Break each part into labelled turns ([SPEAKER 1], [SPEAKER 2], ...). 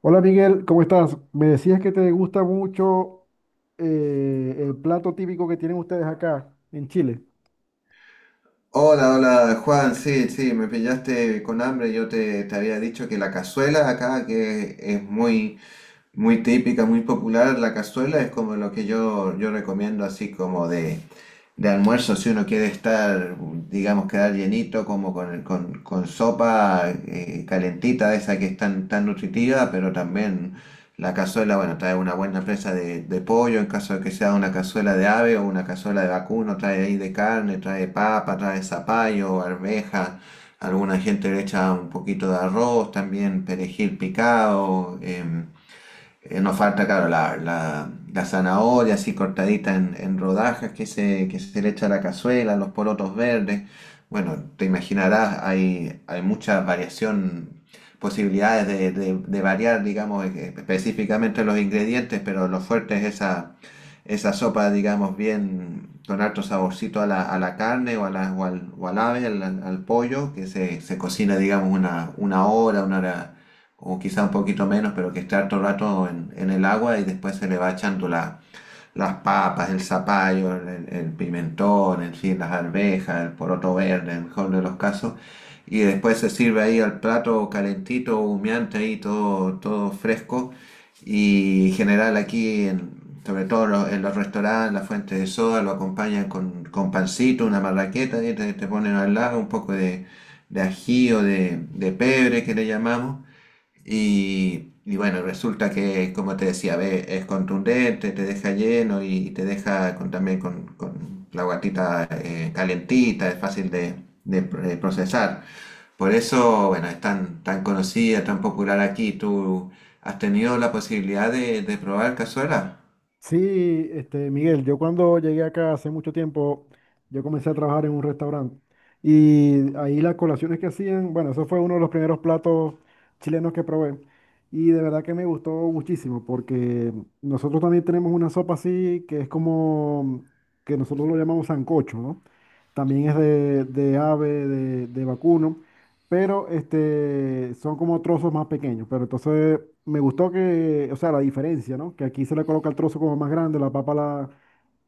[SPEAKER 1] Hola Miguel, ¿cómo estás? Me decías que te gusta mucho el plato típico que tienen ustedes acá en Chile.
[SPEAKER 2] Hola, hola Juan, sí, sí, me pillaste con hambre. Yo te había dicho que la cazuela acá que es muy, muy típica, muy popular. La cazuela es como lo que yo recomiendo así como de almuerzo, si uno quiere estar, digamos, quedar llenito, como con sopa calentita, de esa que es tan, tan nutritiva, pero también la cazuela, bueno, trae una buena presa de pollo, en caso de que sea una cazuela de ave o una cazuela de vacuno, trae ahí de carne, trae papa, trae zapallo, arveja. Alguna gente le echa un poquito de arroz, también perejil picado. Nos falta, claro, la zanahoria así cortadita en rodajas que se le echa a la cazuela, los porotos verdes. Bueno, te imaginarás, hay mucha variación, posibilidades de variar, digamos, específicamente los ingredientes, pero lo fuerte es esa sopa, digamos, bien con harto saborcito a la carne o, a la, o al ave, al pollo, que se cocina, digamos, una hora o quizá un poquito menos, pero que esté harto rato en el agua y después se le va echando las papas, el zapallo, el pimentón, en fin, las arvejas, el poroto verde, en el mejor de los casos, y después se sirve ahí al plato calentito, humeante ahí, todo, todo fresco, y en general aquí, sobre todo en los restaurantes, las fuentes de soda, lo acompañan con pancito, una marraqueta, y te ponen al lado un poco de ají o de pebre que le llamamos y bueno, resulta que, como te decía, ve, es contundente, te deja lleno y, te deja también con la guatita calentita, es fácil de procesar. Por eso, bueno, es tan, tan conocida, tan popular aquí. ¿Tú has tenido la posibilidad de probar cazuela?
[SPEAKER 1] Sí, este, Miguel, yo cuando llegué acá hace mucho tiempo, yo comencé a trabajar en un restaurante y ahí las colaciones que hacían, bueno, eso fue uno de los primeros platos chilenos que probé y de verdad que me gustó muchísimo porque nosotros también tenemos una sopa así que es como, que nosotros lo llamamos sancocho, ¿no? También es de ave, de vacuno. Pero este, son como trozos más pequeños. Pero entonces me gustó que, o sea, la diferencia, ¿no? Que aquí se le coloca el trozo como más grande, la papa la,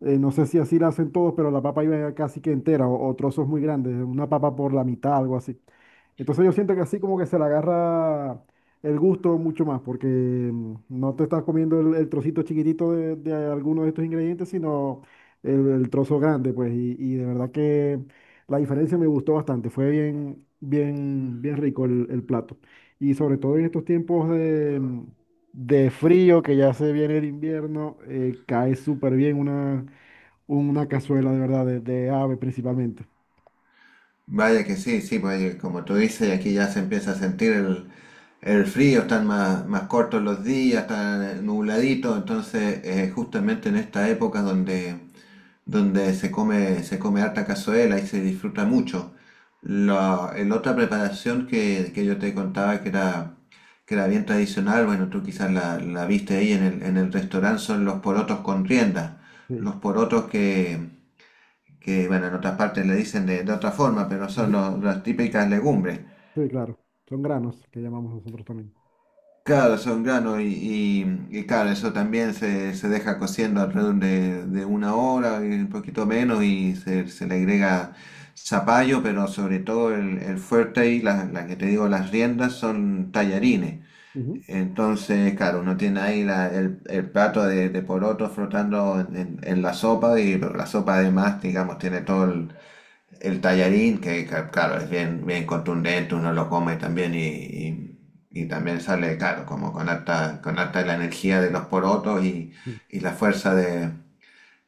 [SPEAKER 1] eh, no sé si así la hacen todos, pero la papa iba casi que entera o trozos muy grandes, una papa por la mitad, algo así. Entonces yo siento que así como que se le agarra el gusto mucho más, porque no te estás comiendo el trocito chiquitito de alguno de estos ingredientes, sino el trozo grande, pues, y de verdad que la diferencia me gustó bastante, fue bien, bien, bien rico el plato. Y sobre todo en estos tiempos de frío, que ya se viene el invierno, cae súper bien una cazuela de verdad, de ave principalmente.
[SPEAKER 2] Vaya que sí, sí, pues como tú dices, aquí ya se empieza a sentir el frío, están más, más cortos los días, están nubladitos, entonces justamente en esta época donde, donde se come harta cazuela y se disfruta mucho. El otra preparación que yo te contaba que era bien tradicional, bueno, tú quizás la viste ahí en el restaurante, son los porotos con rienda.
[SPEAKER 1] Sí.
[SPEAKER 2] Los porotos que bueno, en otras partes le dicen de otra forma, pero son
[SPEAKER 1] Ujú.
[SPEAKER 2] las típicas legumbres.
[SPEAKER 1] Sí, claro. Son granos que llamamos nosotros también.
[SPEAKER 2] Claro, son granos y claro, eso también se deja cociendo alrededor de una hora, y un poquito menos, y se le agrega zapallo, pero sobre todo el fuerte y las que te digo, las riendas son tallarines. Entonces, claro, uno tiene ahí el plato de poroto flotando en, en la sopa, y pero la sopa además, digamos, tiene todo el tallarín, que, claro, es bien, bien contundente, uno lo come también y también sale, claro, como con harta la energía de los porotos y,
[SPEAKER 1] Ujú.
[SPEAKER 2] y la fuerza de,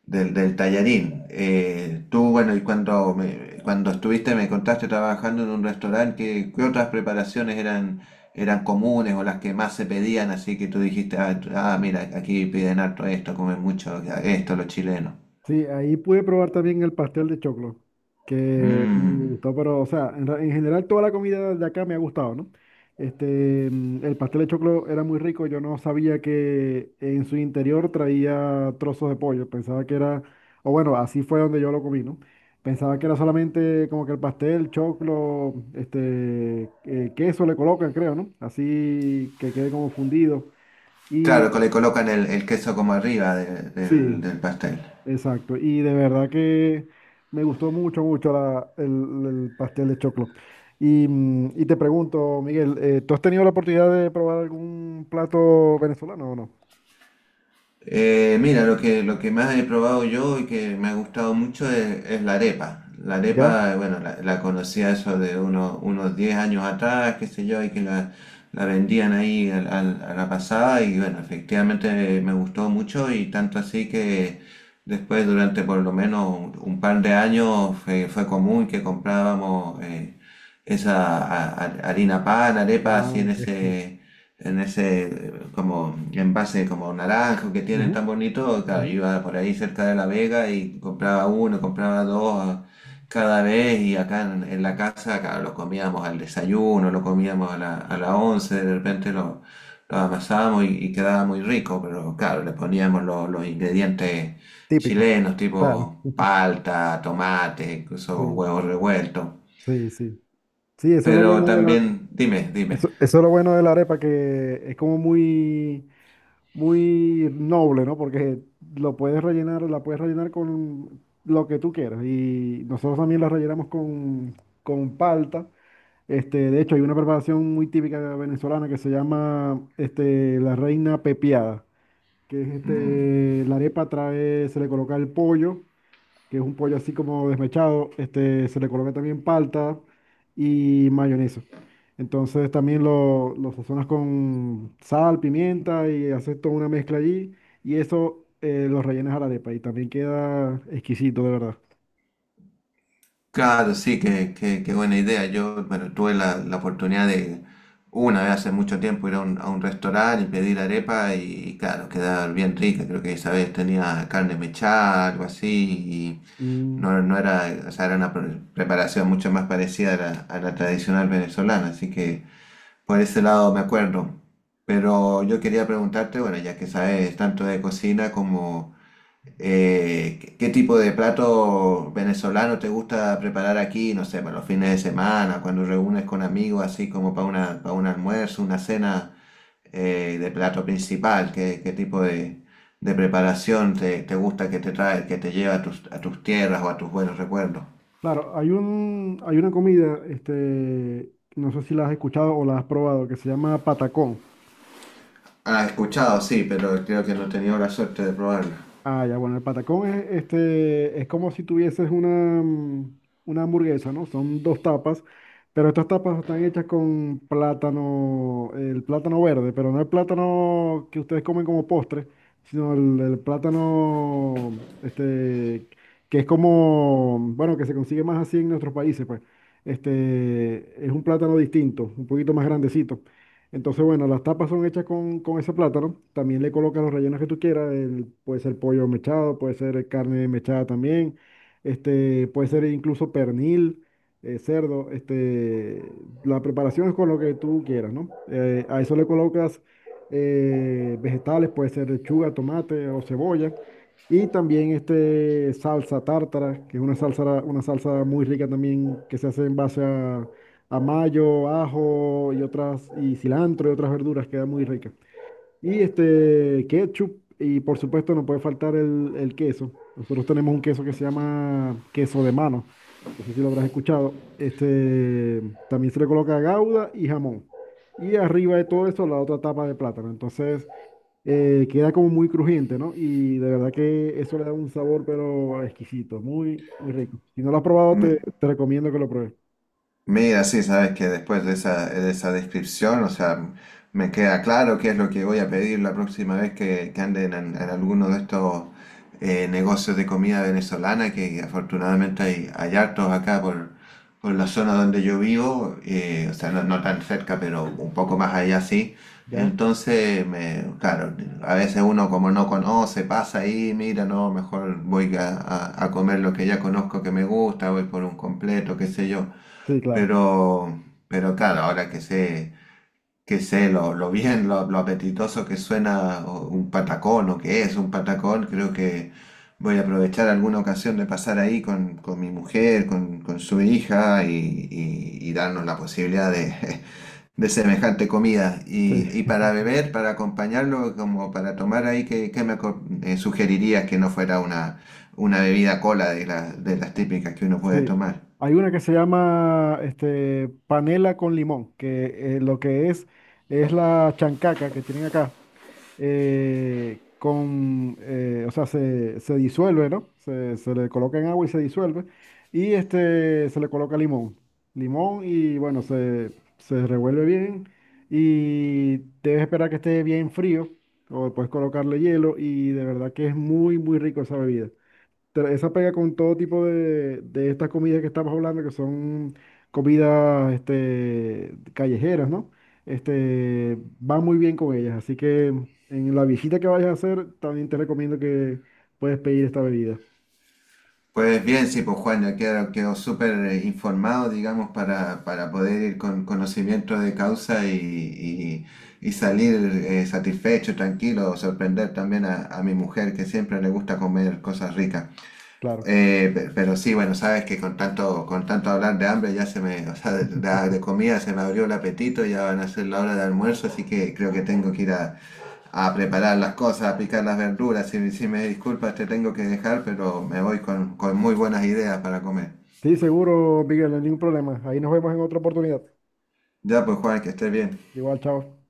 [SPEAKER 2] del, del tallarín. Tú, bueno, y cuando estuviste, me contaste trabajando en un restaurante, ¿qué otras preparaciones eran comunes o las que más se pedían? Así que tú dijiste, ah, ah, mira, aquí piden harto esto, comen mucho esto los chilenos.
[SPEAKER 1] Sí, ahí pude probar también el pastel de choclo, que me
[SPEAKER 2] Mm.
[SPEAKER 1] gustó, pero, o sea, en general toda la comida de acá me ha gustado, ¿no? Este, el pastel de choclo era muy rico, yo no sabía que en su interior traía trozos de pollo, pensaba que era, o bueno, así fue donde yo lo comí, ¿no? Pensaba que era solamente como que el pastel, choclo, este, queso le colocan, creo, ¿no? Así que quede como fundido.
[SPEAKER 2] Claro, que le
[SPEAKER 1] Y
[SPEAKER 2] colocan el queso como arriba de-
[SPEAKER 1] sí,
[SPEAKER 2] del, del pastel.
[SPEAKER 1] exacto, y de verdad que me gustó mucho, mucho el pastel de choclo. Y, y te pregunto, Miguel, ¿tú has tenido la oportunidad de probar algún plato venezolano o no?
[SPEAKER 2] Mira, lo que más he probado yo y que me ha gustado mucho es la arepa. La
[SPEAKER 1] ¿Ya?
[SPEAKER 2] arepa, bueno, la conocía eso de unos 10 años atrás, qué sé yo, y que la vendían ahí a la pasada y bueno, efectivamente me gustó mucho y tanto así que después durante por lo menos un par de años fue común que comprábamos esa harina pan, arepa,
[SPEAKER 1] Ah,
[SPEAKER 2] así en
[SPEAKER 1] ok.
[SPEAKER 2] ese en ese eh, como envase como naranjo que
[SPEAKER 1] Ujú,
[SPEAKER 2] tienen tan bonito, claro,
[SPEAKER 1] ujú.
[SPEAKER 2] yo iba por ahí cerca de La Vega y compraba uno, compraba dos cada vez y acá en la casa, claro, lo comíamos al desayuno, lo comíamos a la once, de repente lo amasábamos y quedaba muy rico, pero claro, le poníamos los ingredientes
[SPEAKER 1] Típico,
[SPEAKER 2] chilenos,
[SPEAKER 1] claro.
[SPEAKER 2] tipo palta, tomate, incluso
[SPEAKER 1] Sí,
[SPEAKER 2] huevos revueltos.
[SPEAKER 1] sí, sí. Sí, eso es lo
[SPEAKER 2] Pero
[SPEAKER 1] bueno de la,
[SPEAKER 2] también, dime, dime.
[SPEAKER 1] eso es lo bueno de la arepa, que es como muy, muy noble, ¿no? Porque lo puedes rellenar, la puedes rellenar con lo que tú quieras. Y nosotros también la rellenamos con palta. Este, de hecho, hay una preparación muy típica venezolana que se llama este, la reina pepiada, que es
[SPEAKER 2] Mm.
[SPEAKER 1] este, la arepa trae, se le coloca el pollo que es un pollo así como desmechado, este, se le coloca también palta y mayonesa. Entonces también lo sazonas con sal, pimienta y haces toda una mezcla allí y eso lo rellenas a la arepa y también queda exquisito, de verdad.
[SPEAKER 2] Claro, sí, qué buena idea. Yo, bueno, tuve la oportunidad de una vez hace mucho tiempo ir a un restaurante y pedir arepa y claro, quedaba bien rica. Creo que esa vez tenía carne mechada, algo así, y
[SPEAKER 1] Mm,
[SPEAKER 2] no era, o sea, era una preparación mucho más parecida a la tradicional venezolana, así que por ese lado me acuerdo. Pero yo quería preguntarte, bueno, ya que sabes tanto de cocina como... ¿Qué tipo de plato venezolano te gusta preparar aquí? No sé, para los fines de semana, cuando reúnes con amigos, así como para para un almuerzo, una cena, de plato principal. ¿Qué tipo de preparación te gusta que te lleva a tus tierras o a tus buenos recuerdos?
[SPEAKER 1] claro, hay un, hay una comida, este, no sé si la has escuchado o la has probado, que se llama patacón.
[SPEAKER 2] Ah, he escuchado, sí, pero creo que no he tenido la suerte de probarlo.
[SPEAKER 1] Ah, ya, bueno, el patacón es, este, es como si tuvieses una, mm, una hamburguesa, ¿no? Son dos tapas, pero estas tapas están hechas con plátano, el plátano verde, pero no el plátano que ustedes comen como postre, sino el plátano, este, que es como, bueno, que se consigue más así en nuestros países, pues. Este, es un plátano distinto, un poquito más grandecito. Entonces, bueno, las tapas son hechas con ese plátano. También le colocas los rellenos que tú quieras. Puede ser pollo mechado, puede ser carne mechada también. Este, puede ser incluso pernil, cerdo. Este, la preparación es con lo que tú quieras, ¿no? A eso le colocas vegetales, puede ser lechuga, tomate o cebolla. Y también este, salsa tártara, que es una salsa muy rica también que se hace en base a mayo, ajo y otras, y cilantro y otras verduras, queda muy rica. Y este ketchup, y por supuesto no puede faltar el queso. Nosotros tenemos un queso que se llama queso de mano. No sé si lo habrás escuchado. Este también se le coloca gauda y jamón. Y arriba de todo eso la otra tapa de plátano. Entonces queda como muy crujiente, ¿no? Y de verdad que eso le da un sabor pero exquisito, muy, muy rico. Si no lo has probado, te recomiendo que lo pruebes.
[SPEAKER 2] Mira, sí, sabes que después de esa descripción, o sea, me queda claro qué es lo que voy a pedir la próxima vez que anden en alguno de estos negocios de comida venezolana, que afortunadamente hay hartos acá por la zona donde yo vivo, o sea, no tan cerca, pero un poco más allá sí.
[SPEAKER 1] ¿Ya?
[SPEAKER 2] Entonces, claro, a veces uno como no conoce, pasa ahí, mira, no, mejor voy a comer lo que ya conozco que me gusta, voy por un completo, qué sé yo.
[SPEAKER 1] Sí, claro.
[SPEAKER 2] Pero, pero claro, ahora que sé lo bien, lo apetitoso que suena un patacón o que es un patacón, creo que voy a aprovechar alguna ocasión de pasar ahí con mi mujer, con su hija y darnos la posibilidad de, de semejante comida.
[SPEAKER 1] Sí.
[SPEAKER 2] Y para beber, para acompañarlo, como para tomar ahí, ¿qué sugerirías que no fuera una bebida cola de las típicas que uno puede
[SPEAKER 1] Sí,
[SPEAKER 2] tomar?
[SPEAKER 1] hay una que se llama este, panela con limón, que lo que es la chancaca que tienen acá, o sea, se disuelve, ¿no? Se le coloca en agua y se disuelve, y este, se le coloca limón, limón y bueno, se revuelve bien y debes esperar que esté bien frío, o puedes colocarle hielo y de verdad que es muy, muy rico esa bebida esa pega con todo tipo de estas comidas que estamos hablando, que son comidas este, callejeras, ¿no? Este, va muy bien con ellas. Así que en la visita que vayas a hacer, también te recomiendo que puedes pedir esta bebida.
[SPEAKER 2] Pues bien, sí, pues Juan, ya quedo, quedo súper informado, digamos, para poder ir con conocimiento de causa y salir satisfecho, tranquilo, sorprender también a mi mujer que siempre le gusta comer cosas ricas.
[SPEAKER 1] Claro.
[SPEAKER 2] Pero sí, bueno, sabes que con tanto hablar de hambre ya se me, o sea, de comida se me abrió el apetito, ya van a ser la hora de almuerzo, así que creo que tengo que ir a preparar las cosas, a picar las verduras. Si me disculpas, te tengo que dejar, pero me voy con muy buenas ideas para comer.
[SPEAKER 1] Sí, seguro, Miguel, no hay ningún problema. Ahí nos vemos en otra oportunidad.
[SPEAKER 2] Ya, pues Juan, que estés bien.
[SPEAKER 1] Igual, chao.